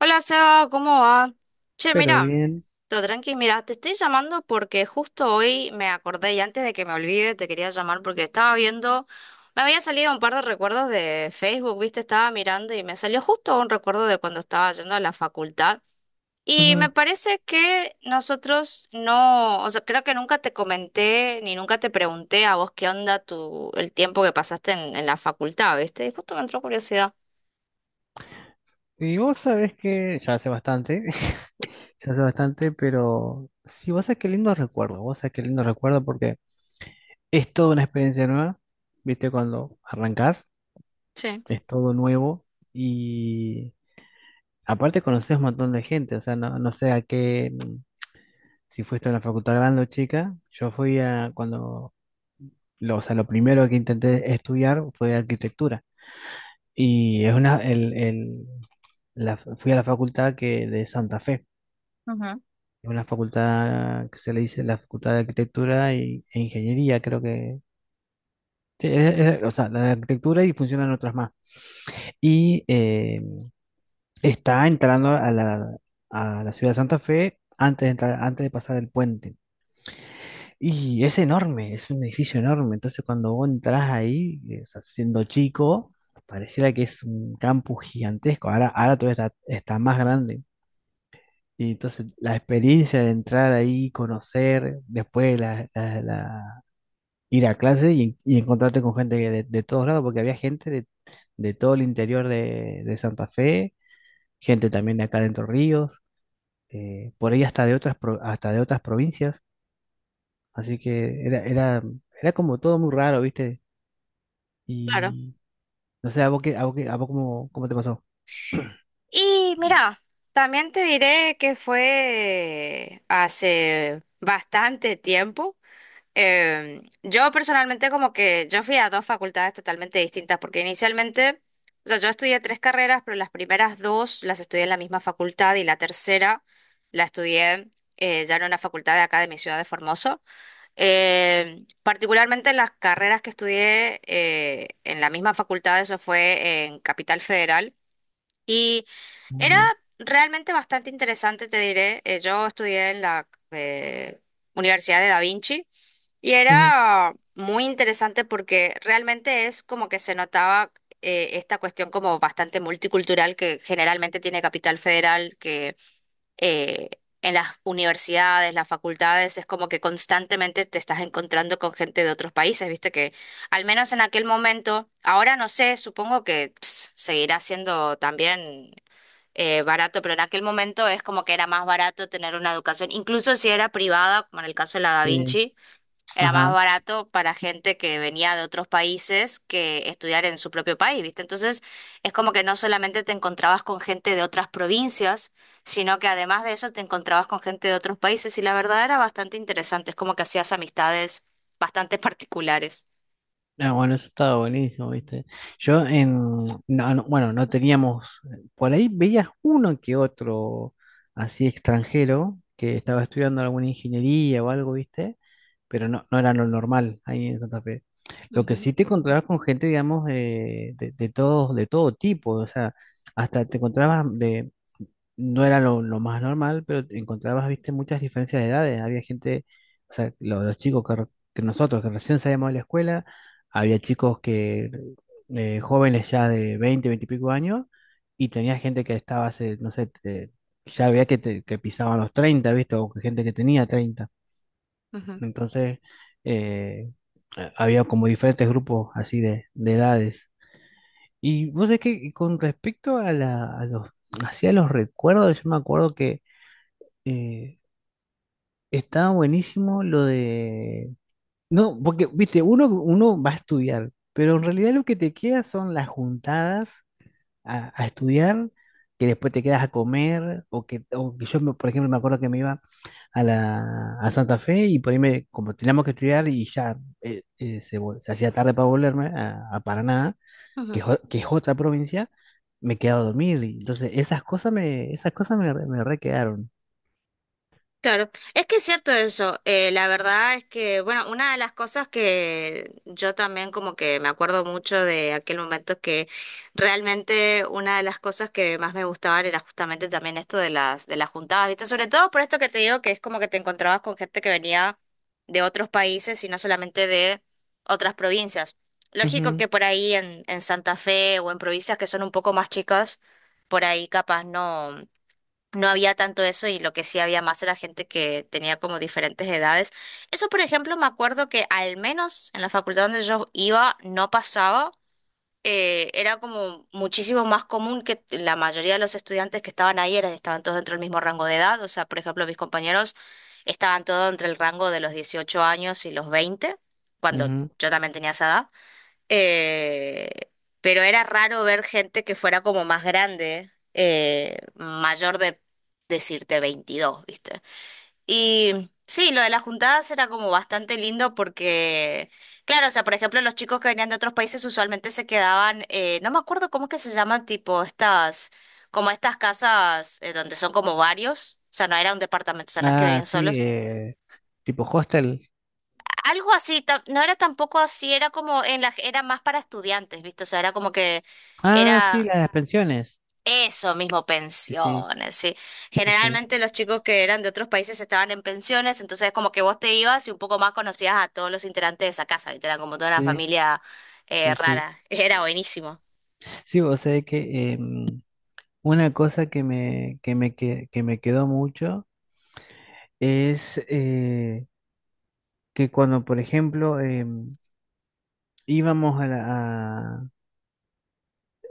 Hola Seba, ¿cómo va? Che, Pero mira, bien. todo tranqui, mira, te estoy llamando porque justo hoy me acordé y antes de que me olvide te quería llamar porque estaba viendo, me había salido un par de recuerdos de Facebook, viste, estaba mirando y me salió justo un recuerdo de cuando estaba yendo a la facultad y Ujú. me parece que nosotros no, o sea, creo que nunca te comenté ni nunca te pregunté a vos qué onda tu, el tiempo que pasaste en la facultad, viste, y justo me entró curiosidad. Y vos sabés que ya hace bastante, ya hace bastante, pero sí, vos sabés qué lindo recuerdo, vos sabés qué lindo recuerdo porque es toda una experiencia nueva, viste, cuando arrancás, Sí. es todo nuevo y aparte conocés un montón de gente, o sea, no sé a qué, si fuiste a una facultad grande o chica, yo fui a cuando, lo, o sea, lo primero que intenté estudiar fue arquitectura y es una, la, fui a la facultad que de Santa Fe. Ujú. Es una facultad que se le dice la Facultad de Arquitectura e Ingeniería, creo que. Sí, o sea, la de arquitectura y funcionan otras más. Y está entrando a la ciudad de Santa Fe antes de entrar, antes de pasar el puente. Y es enorme, es un edificio enorme. Entonces, cuando vos entras ahí, o sea, siendo chico, pareciera que es un campus gigantesco. Ahora, ahora todavía está, está más grande. Y entonces la experiencia de entrar ahí, conocer, después ir a clase y encontrarte con gente de todos lados, porque había gente de todo el interior de Santa Fe, gente también de acá de Entre Ríos, por ahí hasta de otras, hasta de otras provincias, así que era como todo muy raro, ¿viste? Claro. Y no sé, ¿a vos qué, a vos cómo, cómo te pasó? Y mira, también te diré que fue hace bastante tiempo. Yo personalmente como que yo fui a dos facultades totalmente distintas, porque inicialmente, o sea, yo estudié tres carreras, pero las primeras dos las estudié en la misma facultad y la tercera la estudié ya en una facultad de acá de mi ciudad de Formoso. Particularmente las carreras que estudié en la misma facultad, eso fue en Capital Federal y era Ujú, realmente bastante interesante, te diré. Yo estudié en la Universidad de Da Vinci y ujú, era muy interesante porque realmente es como que se notaba esta cuestión como bastante multicultural que generalmente tiene Capital Federal, que eh, en las universidades, las facultades, es como que constantemente te estás encontrando con gente de otros países, viste que al menos en aquel momento, ahora no sé, supongo que ps, seguirá siendo también barato, pero en aquel momento es como que era más barato tener una educación, incluso si era privada, como en el caso de la Da sí, Vinci era más ajá. barato para gente que venía de otros países que estudiar en su propio país, ¿viste? Entonces, es como que no solamente te encontrabas con gente de otras provincias, sino que además de eso te encontrabas con gente de otros países y la verdad era bastante interesante, es como que hacías amistades bastante particulares. Ah, bueno, eso estaba buenísimo, ¿viste? Yo en, no, no, bueno, no teníamos, por ahí veías uno que otro así extranjero que estaba estudiando alguna ingeniería o algo, ¿viste? Pero no, no era lo normal ahí en Santa Fe. Lo que sí te encontrabas con gente, digamos, de todos, de todo tipo, o sea, hasta te encontrabas de, no era lo más normal, pero te encontrabas, viste, muchas diferencias de edades. Había gente, o sea, los, chicos que, que nosotros, que recién salíamos de la escuela, había chicos que jóvenes ya de 20 20 y pico años, y tenía gente que estaba hace, no sé, ya había que, que pisaban los 30 viste, o que gente que tenía treinta. Ujú, ujú, Entonces, eh, había como diferentes grupos así de edades. Y vos sabés que con respecto a los, hacia los recuerdos, yo me acuerdo que eh, estaba buenísimo lo de... No, porque, viste, uno va a estudiar, pero en realidad lo que te queda son las juntadas a estudiar, que después te quedas a comer, o que yo, por ejemplo, me acuerdo que me iba a Santa Fe y por ahí me, como teníamos que estudiar y ya se, se hacía tarde para volverme a Paraná, que, ujú. Que es otra provincia, me quedaba a dormir. Y entonces, esas cosas me, me re quedaron. Claro, es que es cierto eso. La verdad es que, bueno, una de las cosas que yo también como que me acuerdo mucho de aquel momento es que realmente una de las cosas que más me gustaban era justamente también esto de las juntadas, ¿viste? Sobre todo por esto que te digo que es como que te encontrabas con gente que venía de otros países y no solamente de otras provincias. Lógico Ujú, que por ahí en Santa Fe o en provincias que son un poco más chicas, por ahí capaz no. No había tanto eso y lo que sí había más era gente que tenía como diferentes edades. Eso, por ejemplo, me acuerdo que al menos en la facultad donde yo iba no pasaba. Era como muchísimo más común que la mayoría de los estudiantes que estaban ahí eran, estaban todos dentro del mismo rango de edad. O sea, por ejemplo, mis compañeros estaban todos entre el rango de los 18 años y los 20 cuando ujú. yo también tenía esa edad. Eh, pero era raro ver gente que fuera como más grande, mayor de decirte 22, ¿viste? Y sí, lo de las juntadas era como bastante lindo porque, claro, o sea, por ejemplo, los chicos que venían de otros países usualmente se quedaban, no me acuerdo cómo es que se llaman, tipo estas, como estas casas donde son como varios, o sea, no era un departamento, o sea, no es que Ah, vivían sí, solos, tipo hostel. algo así, no era tampoco así, era como en la, era más para estudiantes, ¿viste? O sea, era como que Ah, sí, era las pensiones. eso mismo, Sí, sí, pensiones, sí. sí, Generalmente los chicos que eran de otros países estaban en pensiones, entonces como que vos te ibas y un poco más conocías a todos los integrantes de esa casa, ¿viste? Era como toda una sí, familia sí, sí. Sí, rara. Era buenísimo. sí, o sea que una cosa que me, que me quedó mucho es que cuando, por ejemplo, íbamos a la... a-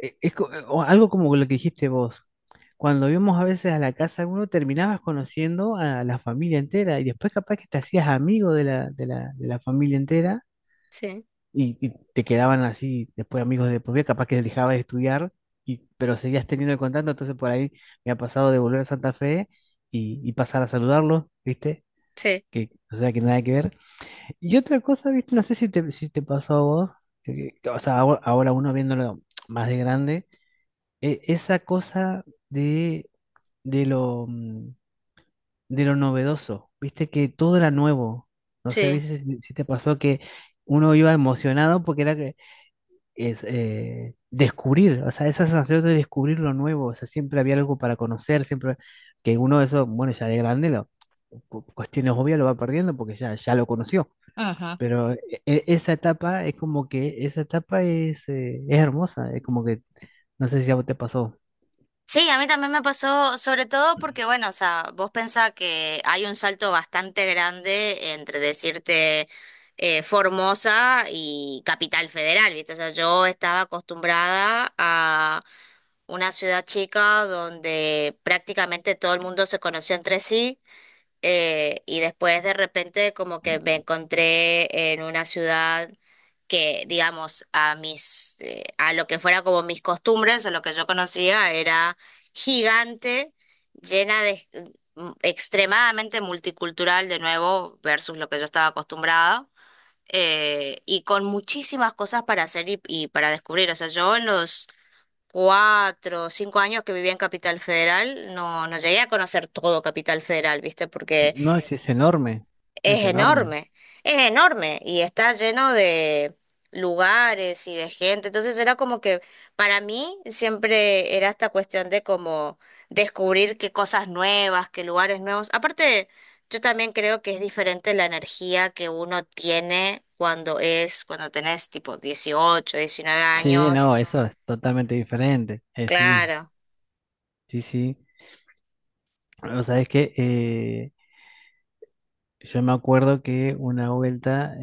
o algo como lo que dijiste vos. Cuando íbamos a veces a la casa, uno terminabas conociendo a la familia entera y después capaz que te hacías amigo de la familia entera. Sí, Y, y te quedaban así después amigos de por vida, capaz que dejabas de estudiar, y, pero seguías teniendo el contacto, entonces por ahí me ha pasado de volver a Santa Fe y pasar a saludarlos, ¿viste? sí, Que, o sea, que nada que ver. Y otra cosa, ¿viste? No sé si te, si te pasó a vos, que, o sea, ahora, ahora uno viéndolo más de grande, esa cosa de, de lo, mm, de lo novedoso, ¿viste? Que todo era nuevo. No sé, sí. ¿viste si si te pasó que uno iba emocionado porque era que es descubrir, o sea, esa sensación de descubrir lo nuevo, o sea, siempre había algo para conocer, siempre que uno de esos, bueno, ya de grande, lo, cuestiones obvias lo va perdiendo porque ya, ya lo conoció, Ujú. pero esa etapa es como que, esa etapa es hermosa, es como que, no sé si a vos te pasó, Sí, a mí también me pasó, sobre todo porque, bueno, o sea, vos pensás que hay un salto bastante grande entre decirte Formosa y Capital Federal, ¿viste? O sea, yo estaba acostumbrada a una ciudad chica donde prácticamente todo el mundo se conoció entre sí y después de repente como que me encontré en una ciudad que, digamos, a lo que fuera como mis costumbres o lo que yo conocía era gigante, llena de extremadamente multicultural de nuevo versus lo que yo estaba acostumbrada. Y con muchísimas cosas para hacer y para descubrir. O sea, yo en los 4 o 5 años que vivía en Capital Federal, no, no llegué a conocer todo Capital Federal, ¿viste? Porque no, es enorme, es es enorme. enorme, es enorme y está lleno de lugares y de gente. Entonces era como que para mí siempre era esta cuestión de como descubrir qué cosas nuevas, qué lugares nuevos. Aparte, yo también creo que es diferente la energía que uno tiene cuando tenés tipo 18 19 Sí, años. no, eso es totalmente diferente, sí, Claro. sí, sí. O sea, es que yo me acuerdo que una vuelta,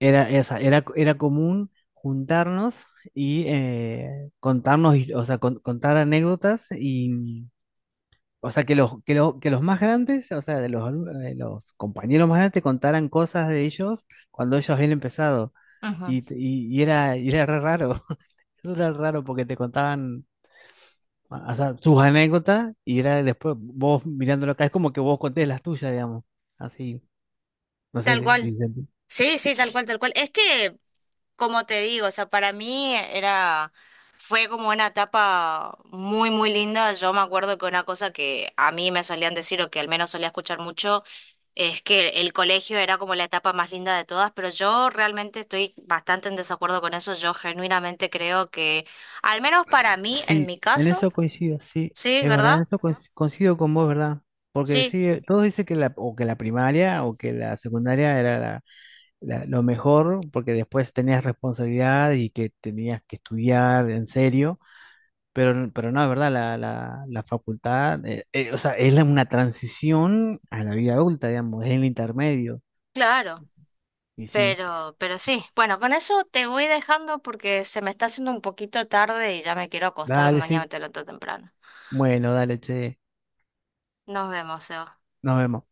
era, esa, era común juntarnos y contarnos, o sea, contar anécdotas y, o sea, que los más grandes, o sea, de los, los compañeros más grandes contaran cosas de ellos cuando ellos habían empezado. Ujú. Y, y era re raro, eso era raro porque te contaban, o sea, sus anécdotas y era después vos mirándolo acá, es como que vos contés las tuyas, digamos, así, no Tal sé si, cual. si se Sí, sí, tal cual, tal cual. Es que como te digo, o sea, para mí era, fue como una etapa muy, muy linda. Yo me acuerdo que una cosa que a mí me solían decir, o que al menos solía escuchar mucho, es que el colegio era como la etapa más linda de todas, pero yo realmente estoy bastante en desacuerdo con eso. Yo genuinamente creo que, al menos para mí, en sí, mi en caso, eso coincido, sí, sí, es verdad, en ¿verdad? eso coincido con vos, ¿verdad? Porque Sí, sí, todos dicen que la, o que la primaria o que la secundaria era lo mejor, porque después tenías responsabilidad y que tenías que estudiar en serio, pero, pero no, es verdad, la facultad, o sea, es una transición a la vida adulta, digamos, es el intermedio, claro. y sí, Pero sí, bueno, con eso te voy dejando porque se me está haciendo un poquito tarde y ya me quiero acostar, dale, mañana sí, me levanto temprano. bueno, dale, che, Nos vemos, Seba. nos vemos.